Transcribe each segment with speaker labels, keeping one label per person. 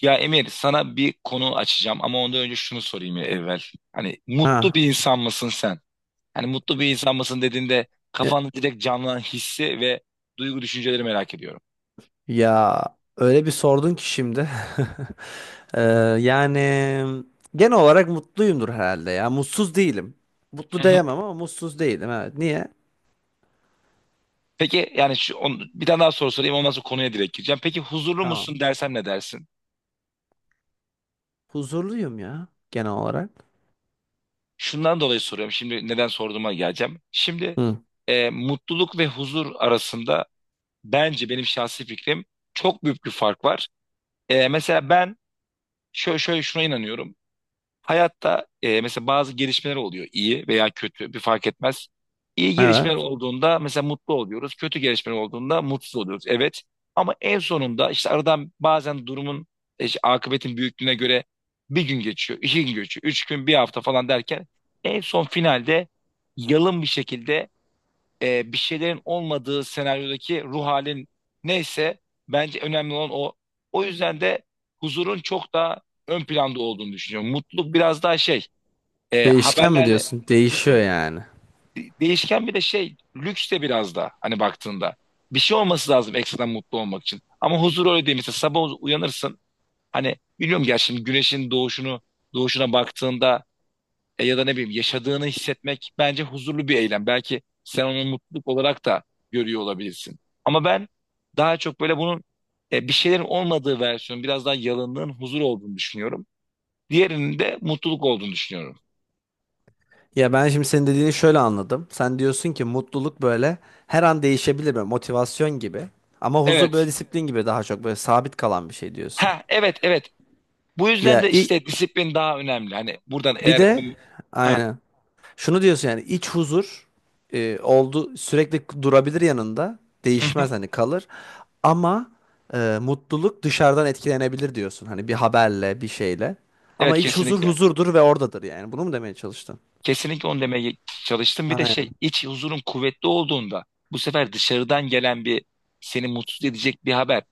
Speaker 1: Ya Emir, sana bir konu açacağım ama ondan önce şunu sorayım ya evvel. Hani mutlu
Speaker 2: Ha.
Speaker 1: bir insan mısın sen? Hani mutlu bir insan mısın dediğinde
Speaker 2: Ya,
Speaker 1: kafanda direkt canlanan hissi ve duygu düşünceleri merak ediyorum.
Speaker 2: ya öyle bir sordun ki şimdi. Ee, yani genel olarak mutluyumdur herhalde ya. Mutsuz değilim. Mutlu
Speaker 1: Hı hı.
Speaker 2: diyemem ama mutsuz değilim. Evet. Niye?
Speaker 1: Peki, yani şu, bir tane daha soru sorayım, ondan sonra konuya direkt gireceğim. Peki huzurlu
Speaker 2: Tamam.
Speaker 1: musun dersem ne dersin?
Speaker 2: Huzurluyum ya genel olarak.
Speaker 1: Şundan dolayı soruyorum, şimdi neden sorduğuma geleceğim. Şimdi
Speaker 2: Hı.
Speaker 1: mutluluk ve huzur arasında, bence benim şahsi fikrim, çok büyük bir fark var. Mesela ben şöyle şuna inanıyorum. Hayatta mesela bazı gelişmeler oluyor, iyi veya kötü bir fark etmez. İyi
Speaker 2: Evet.
Speaker 1: gelişmeler olduğunda mesela mutlu oluyoruz. Kötü gelişmeler olduğunda mutsuz oluyoruz. Evet, ama en sonunda işte aradan bazen durumun işte akıbetin büyüklüğüne göre bir gün geçiyor, 2 gün geçiyor, 3 gün, bir hafta falan derken en son finalde yalın bir şekilde bir şeylerin olmadığı senaryodaki ruh halin neyse, bence önemli olan o. O yüzden de huzurun çok daha ön planda olduğunu düşünüyorum. Mutluluk biraz daha şey,
Speaker 2: Değişken mi
Speaker 1: haberlerle
Speaker 2: diyorsun? Değişiyor
Speaker 1: mutluluk
Speaker 2: yani.
Speaker 1: değişken, bir de şey, lüks de biraz da, hani baktığında. Bir şey olması lazım ekstradan mutlu olmak için. Ama huzur öyle değil. Mesela sabah uyanırsın, hani biliyorum gerçi, şimdi güneşin doğuşuna baktığında ya da ne bileyim, yaşadığını hissetmek bence huzurlu bir eylem. Belki sen onu mutluluk olarak da görüyor olabilirsin. Ama ben daha çok böyle bunun bir şeylerin olmadığı versiyonu, biraz daha yalınlığın huzur olduğunu düşünüyorum. Diğerinin de mutluluk olduğunu düşünüyorum.
Speaker 2: Ya ben şimdi senin dediğini şöyle anladım. Sen diyorsun ki mutluluk böyle her an değişebilir böyle motivasyon gibi. Ama huzur böyle
Speaker 1: Evet.
Speaker 2: disiplin gibi daha çok böyle sabit kalan bir şey diyorsun.
Speaker 1: Ha, evet, evet. Bu yüzden
Speaker 2: Ya
Speaker 1: de
Speaker 2: i-
Speaker 1: işte disiplin daha önemli. Hani buradan
Speaker 2: bir
Speaker 1: eğer o...
Speaker 2: de
Speaker 1: Ha.
Speaker 2: aynen. Şunu diyorsun yani iç huzur oldu sürekli durabilir yanında. Değişmez hani kalır. Ama mutluluk dışarıdan etkilenebilir diyorsun. Hani bir haberle, bir şeyle. Ama
Speaker 1: Evet,
Speaker 2: iç huzur
Speaker 1: kesinlikle.
Speaker 2: huzurdur ve oradadır yani. Bunu mu demeye çalıştın?
Speaker 1: Kesinlikle onu demeye çalıştım. Bir de
Speaker 2: Aynen.
Speaker 1: şey, iç huzurun kuvvetli olduğunda, bu sefer dışarıdan gelen bir seni mutsuz edecek bir haber,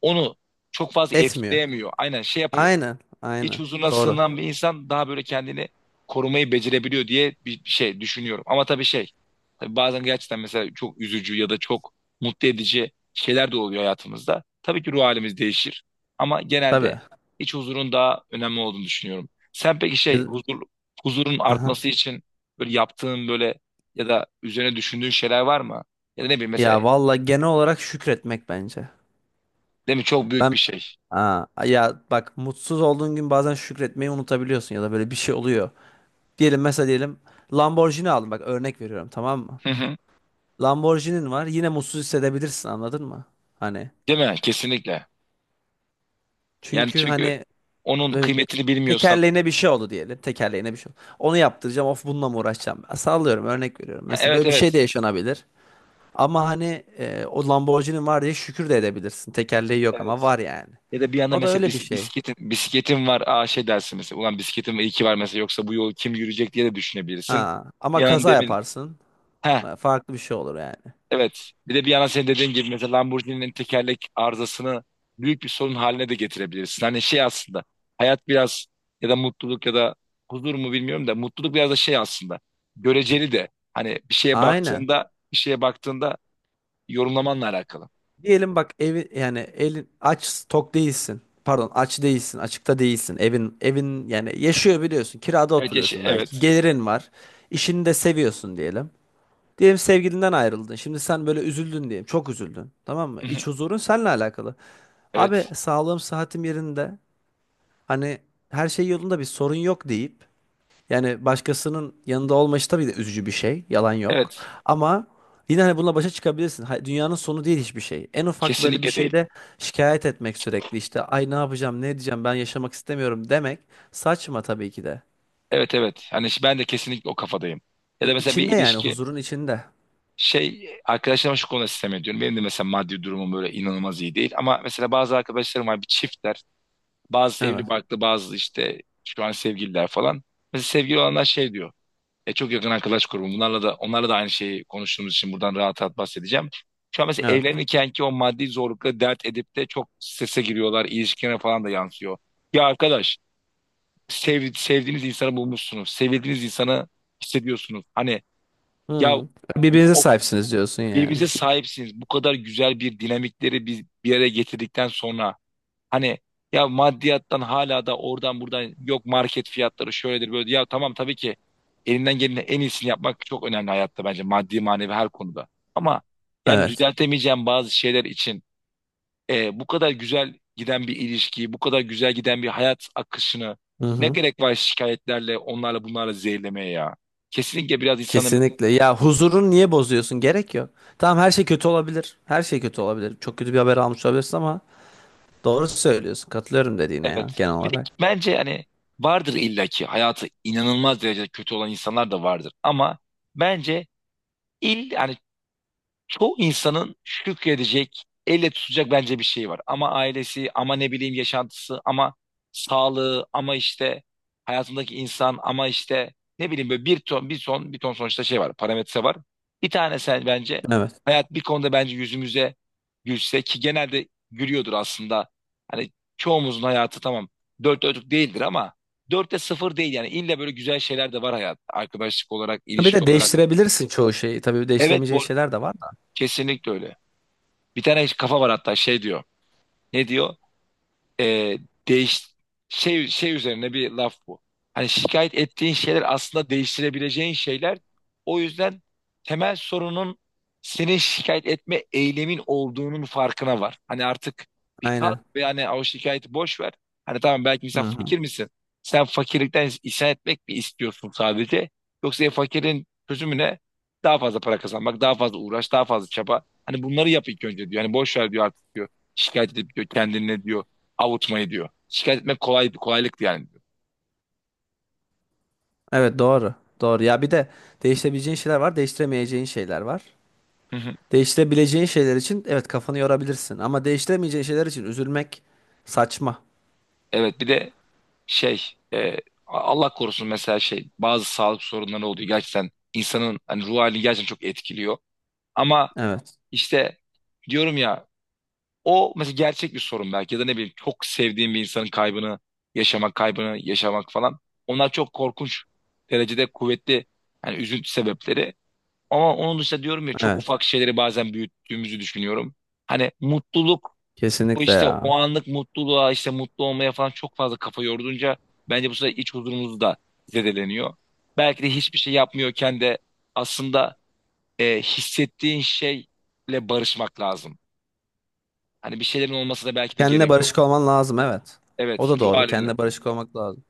Speaker 1: onu çok fazla
Speaker 2: Etmiyor.
Speaker 1: etkileyemiyor. Aynen şey yapıyor.
Speaker 2: Aynen.
Speaker 1: İç
Speaker 2: Aynen.
Speaker 1: huzuruna
Speaker 2: Doğru.
Speaker 1: sığınan bir insan daha böyle kendini korumayı becerebiliyor diye bir şey düşünüyorum. Ama tabii şey, tabii bazen gerçekten mesela çok üzücü ya da çok mutlu edici şeyler de oluyor hayatımızda. Tabii ki ruh halimiz değişir, ama genelde
Speaker 2: Tabii.
Speaker 1: iç huzurun daha önemli olduğunu düşünüyorum. Sen peki şey,
Speaker 2: Ya,
Speaker 1: huzurun
Speaker 2: aha.
Speaker 1: artması için böyle yaptığın, böyle ya da üzerine düşündüğün şeyler var mı? Ya da ne bileyim mesela,
Speaker 2: Ya vallahi genel olarak şükretmek bence.
Speaker 1: değil mi, çok büyük
Speaker 2: Ben
Speaker 1: bir şey.
Speaker 2: Aa, ya bak mutsuz olduğun gün bazen şükretmeyi unutabiliyorsun ya da böyle bir şey oluyor. Diyelim mesela diyelim Lamborghini aldım bak örnek veriyorum tamam mı?
Speaker 1: Hı hı.
Speaker 2: Lamborghini'nin var yine mutsuz hissedebilirsin anladın mı? Hani
Speaker 1: Değil mi? Kesinlikle. Yani
Speaker 2: çünkü
Speaker 1: çünkü
Speaker 2: hani
Speaker 1: onun
Speaker 2: e,
Speaker 1: kıymetini bilmiyorsan.
Speaker 2: tekerleğine bir şey oldu diyelim tekerleğine bir şey oldu. Onu yaptıracağım of bununla mı uğraşacağım? Ben sallıyorum örnek veriyorum.
Speaker 1: Ha,
Speaker 2: Mesela
Speaker 1: evet,
Speaker 2: böyle bir şey de
Speaker 1: evet.
Speaker 2: yaşanabilir. Ama hani o Lamborghini'nin var diye şükür de edebilirsin. Tekerleği yok ama
Speaker 1: Evet.
Speaker 2: var yani.
Speaker 1: Ya da bir anda
Speaker 2: O da
Speaker 1: mesela
Speaker 2: öyle bir şey.
Speaker 1: bisikletin var. Aa, şey dersin mesela. Ulan, bisikletim iyi ki var mesela. Yoksa bu yolu kim yürüyecek diye de düşünebilirsin.
Speaker 2: Ha,
Speaker 1: Bir
Speaker 2: ama
Speaker 1: an
Speaker 2: kaza
Speaker 1: demin.
Speaker 2: yaparsın.
Speaker 1: Ha,
Speaker 2: Farklı bir şey olur yani.
Speaker 1: evet. Bir de bir yana, senin dediğin gibi mesela Lamborghini'nin tekerlek arızasını büyük bir sorun haline de getirebilirsin. Hani şey aslında. Hayat biraz, ya da mutluluk ya da huzur mu bilmiyorum da, mutluluk biraz da şey aslında. Göreceli de. Hani
Speaker 2: Aynen.
Speaker 1: bir şeye baktığında, yorumlamanla alakalı.
Speaker 2: Diyelim bak evi yani elin aç tok değilsin. Pardon aç değilsin açıkta değilsin. Evin yani yaşıyor biliyorsun. Kirada
Speaker 1: Evet, yeşil,
Speaker 2: oturuyorsun belki.
Speaker 1: evet.
Speaker 2: Gelirin var. İşini de seviyorsun diyelim. Diyelim sevgilinden ayrıldın. Şimdi sen böyle üzüldün diyelim. Çok üzüldün. Tamam mı?
Speaker 1: Hı hı.
Speaker 2: İç huzurun seninle alakalı.
Speaker 1: Evet.
Speaker 2: Abi sağlığım sıhhatim yerinde. Hani her şey yolunda bir sorun yok deyip yani başkasının yanında olma işi tabii de üzücü bir şey. Yalan yok.
Speaker 1: Evet.
Speaker 2: Ama yine hani bununla başa çıkabilirsin. Ha- Dünyanın sonu değil hiçbir şey. En ufak böyle bir
Speaker 1: Kesinlikle değil.
Speaker 2: şeyde şikayet etmek sürekli işte ay ne yapacağım ne edeceğim ben yaşamak istemiyorum demek saçma tabii ki de.
Speaker 1: Evet, evet. Hani ben de kesinlikle o kafadayım. Ya
Speaker 2: İ-
Speaker 1: da mesela bir
Speaker 2: İçinde yani
Speaker 1: ilişki,
Speaker 2: huzurun içinde.
Speaker 1: şey, arkadaşlarıma şu konuda sistem ediyorum. Benim de mesela maddi durumum böyle inanılmaz iyi değil. Ama mesela bazı arkadaşlarım var, bir çiftler. Bazı evli
Speaker 2: Evet.
Speaker 1: barklı, bazı işte şu an sevgililer falan. Mesela sevgili olanlar şey diyor. Çok yakın arkadaş grubum. Bunlarla da onlarla da aynı şeyi konuştuğumuz için buradan rahat rahat bahsedeceğim. Şu an mesela
Speaker 2: Evet.
Speaker 1: evlenirken ki o maddi zorlukla dert edip de çok strese giriyorlar. İlişkilerine falan da yansıyor. Ya arkadaş, sevdiğiniz insanı bulmuşsunuz. Sevildiğiniz insanı hissediyorsunuz. Hani ya,
Speaker 2: Hı. Birbirinize
Speaker 1: o
Speaker 2: sahipsiniz diyorsun yani.
Speaker 1: birbirinize sahipsiniz. Bu kadar güzel bir dinamikleri biz bir araya getirdikten sonra, hani ya, maddiyattan hala da oradan buradan, yok market fiyatları şöyledir böyle. Ya tamam, tabii ki elinden gelenin en iyisini yapmak çok önemli hayatta, bence maddi manevi her konuda. Ama yani
Speaker 2: Evet.
Speaker 1: düzeltemeyeceğim bazı şeyler için bu kadar güzel giden bir ilişkiyi, bu kadar güzel giden bir hayat akışını
Speaker 2: Hı
Speaker 1: ne
Speaker 2: hı.
Speaker 1: gerek var şikayetlerle, onlarla bunlarla zehirlemeye ya? Kesinlikle biraz insanın,
Speaker 2: Kesinlikle. Ya huzurun niye bozuyorsun? Gerek yok. Tamam her şey kötü olabilir. Her şey kötü olabilir. Çok kötü bir haber almış olabilirsin ama doğru söylüyorsun. Katılıyorum dediğine ya
Speaker 1: evet.
Speaker 2: genel
Speaker 1: Bir de
Speaker 2: olarak.
Speaker 1: bence hani vardır illaki hayatı inanılmaz derecede kötü olan insanlar da vardır, ama bence yani çoğu insanın şükredecek, elle tutacak bence bir şey var. Ama ailesi, ama ne bileyim yaşantısı, ama sağlığı, ama işte hayatındaki insan, ama işte ne bileyim, böyle bir ton, bir ton, bir ton, sonuçta şey var, parametre var. Bir tane sen, bence
Speaker 2: Evet.
Speaker 1: hayat bir konuda bence yüzümüze gülse, ki genelde gülüyordur aslında. Hani çoğumuzun hayatı tamam dört dörtlük değildir, ama dörtte sıfır değil yani, illa böyle güzel şeyler de var, hayat arkadaşlık olarak,
Speaker 2: Bir
Speaker 1: ilişki
Speaker 2: de
Speaker 1: olarak.
Speaker 2: değiştirebilirsin çoğu şeyi. Tabii
Speaker 1: Evet, bu
Speaker 2: değiştiremeyeceğin
Speaker 1: arada
Speaker 2: şeyler de var da.
Speaker 1: kesinlikle öyle. Bir tane kafa var, hatta şey diyor. Ne diyor? E, değiş şey şey üzerine bir laf bu. Hani şikayet ettiğin şeyler aslında değiştirebileceğin şeyler. O yüzden temel sorunun, senin şikayet etme eylemin olduğunun farkına var. Hani artık bir kalk
Speaker 2: Aynen.
Speaker 1: ve hani o şikayeti boş ver. Hani tamam belki mesela,
Speaker 2: Hı hı.
Speaker 1: fakir misin? Sen fakirlikten isyan etmek mi istiyorsun sadece? Yoksa fakirin çözümü ne? Daha fazla para kazanmak, daha fazla uğraş, daha fazla çaba. Hani bunları yap ilk önce diyor. Hani boş ver diyor artık diyor. Şikayet edip diyor, kendine diyor avutmayı diyor. Şikayet etmek kolay, kolaylıktı yani diyor.
Speaker 2: Evet doğru. Doğru. Ya bir de değiştirebileceğin şeyler var, değiştiremeyeceğin şeyler var.
Speaker 1: Hı hı.
Speaker 2: Değiştirebileceğin şeyler için evet kafanı yorabilirsin ama değiştiremeyeceğin şeyler için üzülmek saçma.
Speaker 1: Evet, bir de şey, e, Allah korusun, mesela şey bazı sağlık sorunları oluyor. Gerçekten insanın hani ruh halini gerçekten çok etkiliyor. Ama
Speaker 2: Evet.
Speaker 1: işte diyorum ya, o mesela gerçek bir sorun belki, ya da ne bileyim çok sevdiğim bir insanın kaybını yaşamak falan. Onlar çok korkunç derecede kuvvetli hani üzüntü sebepleri. Ama onun dışında diyorum ya, çok
Speaker 2: Evet.
Speaker 1: ufak şeyleri bazen büyüttüğümüzü düşünüyorum. Hani mutluluk O
Speaker 2: Kesinlikle
Speaker 1: işte, o
Speaker 2: ya.
Speaker 1: anlık mutluluğa işte mutlu olmaya falan çok fazla kafa yorduğunca bence bu sefer iç huzurumuz da zedeleniyor. Belki de hiçbir şey yapmıyorken de aslında hissettiğin şeyle barışmak lazım. Hani bir şeylerin olması da belki de
Speaker 2: Kendine
Speaker 1: gerek yok.
Speaker 2: barışık olman lazım evet. O
Speaker 1: Evet,
Speaker 2: da
Speaker 1: ruh
Speaker 2: doğru.
Speaker 1: haline.
Speaker 2: Kendine barışık olmak lazım.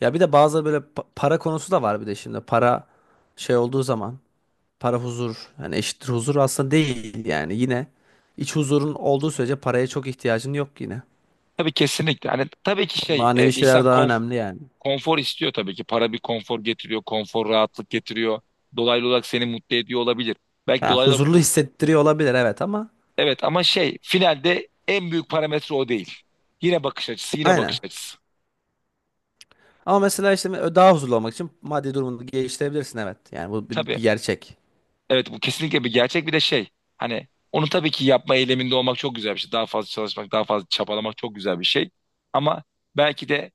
Speaker 2: Ya bir de bazı böyle pa- para konusu da var bir de şimdi. Para şey olduğu zaman para huzur. Yani eşittir huzur aslında değil yani. Yine iç huzurun olduğu sürece paraya çok ihtiyacın yok yine.
Speaker 1: Tabii, kesinlikle. Hani tabii ki şey,
Speaker 2: Manevi
Speaker 1: insan
Speaker 2: şeyler daha önemli yani.
Speaker 1: konfor istiyor tabii ki. Para bir konfor getiriyor, konfor rahatlık getiriyor. Dolaylı olarak seni mutlu ediyor olabilir. Belki
Speaker 2: Ha,
Speaker 1: dolaylı
Speaker 2: huzurlu
Speaker 1: olarak...
Speaker 2: hissettiriyor olabilir evet ama
Speaker 1: Evet, ama şey finalde en büyük parametre o değil. Yine bakış açısı, yine bakış
Speaker 2: aynen.
Speaker 1: açısı.
Speaker 2: Ama mesela işte daha huzurlu olmak için maddi durumunu geliştirebilirsin evet. Yani bu bir,
Speaker 1: Tabii.
Speaker 2: bir gerçek.
Speaker 1: Evet, bu kesinlikle bir gerçek, bir de şey. Hani onu tabii ki yapma eyleminde olmak çok güzel bir şey. Daha fazla çalışmak, daha fazla çabalamak çok güzel bir şey. Ama belki de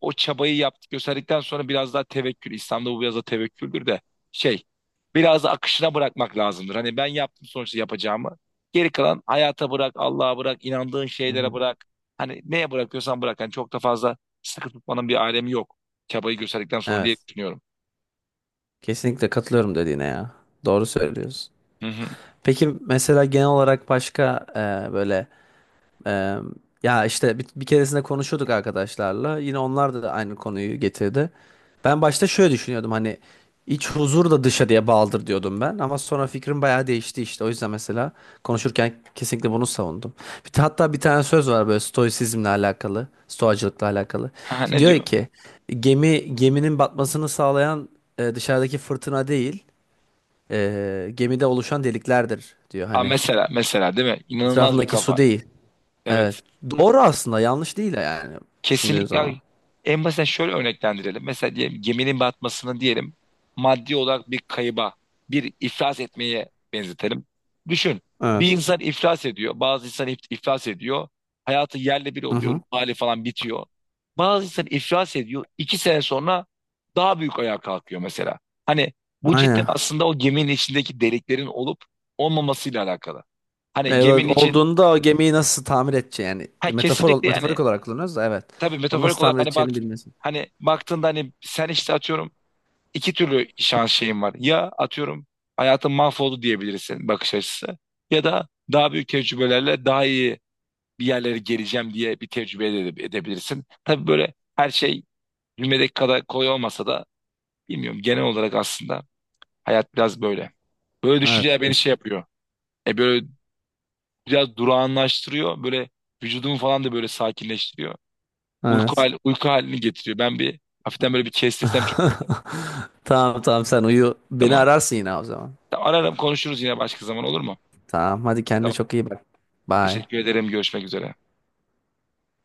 Speaker 1: o çabayı yaptık gösterdikten sonra biraz daha tevekkül. İslam'da bu biraz da tevekküldür de şey, biraz da akışına bırakmak lazımdır. Hani ben yaptım sonuçta yapacağımı. Geri kalan hayata bırak, Allah'a bırak, inandığın
Speaker 2: Hı
Speaker 1: şeylere
Speaker 2: hı.
Speaker 1: bırak. Hani neye bırakıyorsan bırak. Hani çok da fazla sıkı tutmanın bir alemi yok. Çabayı gösterdikten sonra diye
Speaker 2: Evet.
Speaker 1: düşünüyorum.
Speaker 2: Kesinlikle katılıyorum dediğine ya. Doğru söylüyorsun.
Speaker 1: Hı hı.
Speaker 2: Peki mesela genel olarak başka böyle Ee, ya işte bir keresinde konuşuyorduk arkadaşlarla. Yine onlar da aynı konuyu getirdi. Ben başta şöyle düşünüyordum hani iç huzur da dışarıya bağlıdır diyordum ben. Ama sonra fikrim bayağı değişti işte. O yüzden mesela konuşurken kesinlikle bunu savundum. Bir, hatta bir tane söz var böyle stoisizmle alakalı, stoacılıkla alakalı.
Speaker 1: Ha,
Speaker 2: İşte
Speaker 1: ne
Speaker 2: diyor
Speaker 1: diyor?
Speaker 2: ki geminin batmasını sağlayan dışarıdaki fırtına değil, gemide oluşan deliklerdir diyor
Speaker 1: Aa,
Speaker 2: hani.
Speaker 1: mesela mesela, değil mi? İnanılmaz bir
Speaker 2: Etrafındaki su
Speaker 1: kafa.
Speaker 2: değil. Evet.
Speaker 1: Evet.
Speaker 2: Doğru aslında. Yanlış değil yani. Düşündüğün
Speaker 1: Kesinlikle
Speaker 2: zaman.
Speaker 1: abi. En basit şöyle örneklendirelim. Mesela diyelim geminin batmasını, diyelim maddi olarak bir kayıba, bir iflas etmeye benzetelim. Düşün, bir
Speaker 2: Evet.
Speaker 1: insan iflas ediyor, bazı insan iflas ediyor. Hayatı yerle bir
Speaker 2: Hı
Speaker 1: oluyor, ruh
Speaker 2: hı.
Speaker 1: hali falan bitiyor. Bazı insan iflas ediyor, 2 sene sonra daha büyük ayağa kalkıyor mesela. Hani bu cidden
Speaker 2: Aynen.
Speaker 1: aslında o geminin içindeki deliklerin olup olmamasıyla alakalı. Hani
Speaker 2: E,
Speaker 1: geminin için,
Speaker 2: olduğunda o gemiyi nasıl tamir edeceği yani
Speaker 1: ha, kesinlikle yani,
Speaker 2: metaforik olarak kullanıyoruz da evet.
Speaker 1: tabii
Speaker 2: O
Speaker 1: metaforik
Speaker 2: nasıl
Speaker 1: olarak
Speaker 2: tamir
Speaker 1: hani
Speaker 2: edeceğini
Speaker 1: baktın,
Speaker 2: bilmesin.
Speaker 1: hani baktığında hani sen işte atıyorum iki türlü şans şeyin var. Ya atıyorum hayatın mahvoldu diyebilirsin, bakış açısı, ya da daha büyük tecrübelerle daha iyi bir yerlere geleceğim diye bir tecrübe edebilirsin. Tabii böyle her şey cümledeki kadar kolay olmasa da, bilmiyorum, genel olarak aslında hayat biraz böyle. Böyle
Speaker 2: Evet,
Speaker 1: düşünceler beni şey
Speaker 2: kesin.
Speaker 1: yapıyor. Böyle biraz durağanlaştırıyor. Böyle vücudumu falan da böyle sakinleştiriyor.
Speaker 2: Evet.
Speaker 1: Uyku halini getiriyor. Ben bir hafiften böyle bir kestesem çok iyi.
Speaker 2: Tamam tamam sen uyu. Beni
Speaker 1: Tamam.
Speaker 2: ararsın yine o zaman.
Speaker 1: Tamam, ararım konuşuruz yine başka zaman, olur mu?
Speaker 2: Tamam hadi kendine
Speaker 1: Tamam.
Speaker 2: çok iyi bak. Bye.
Speaker 1: Teşekkür ederim. Görüşmek üzere.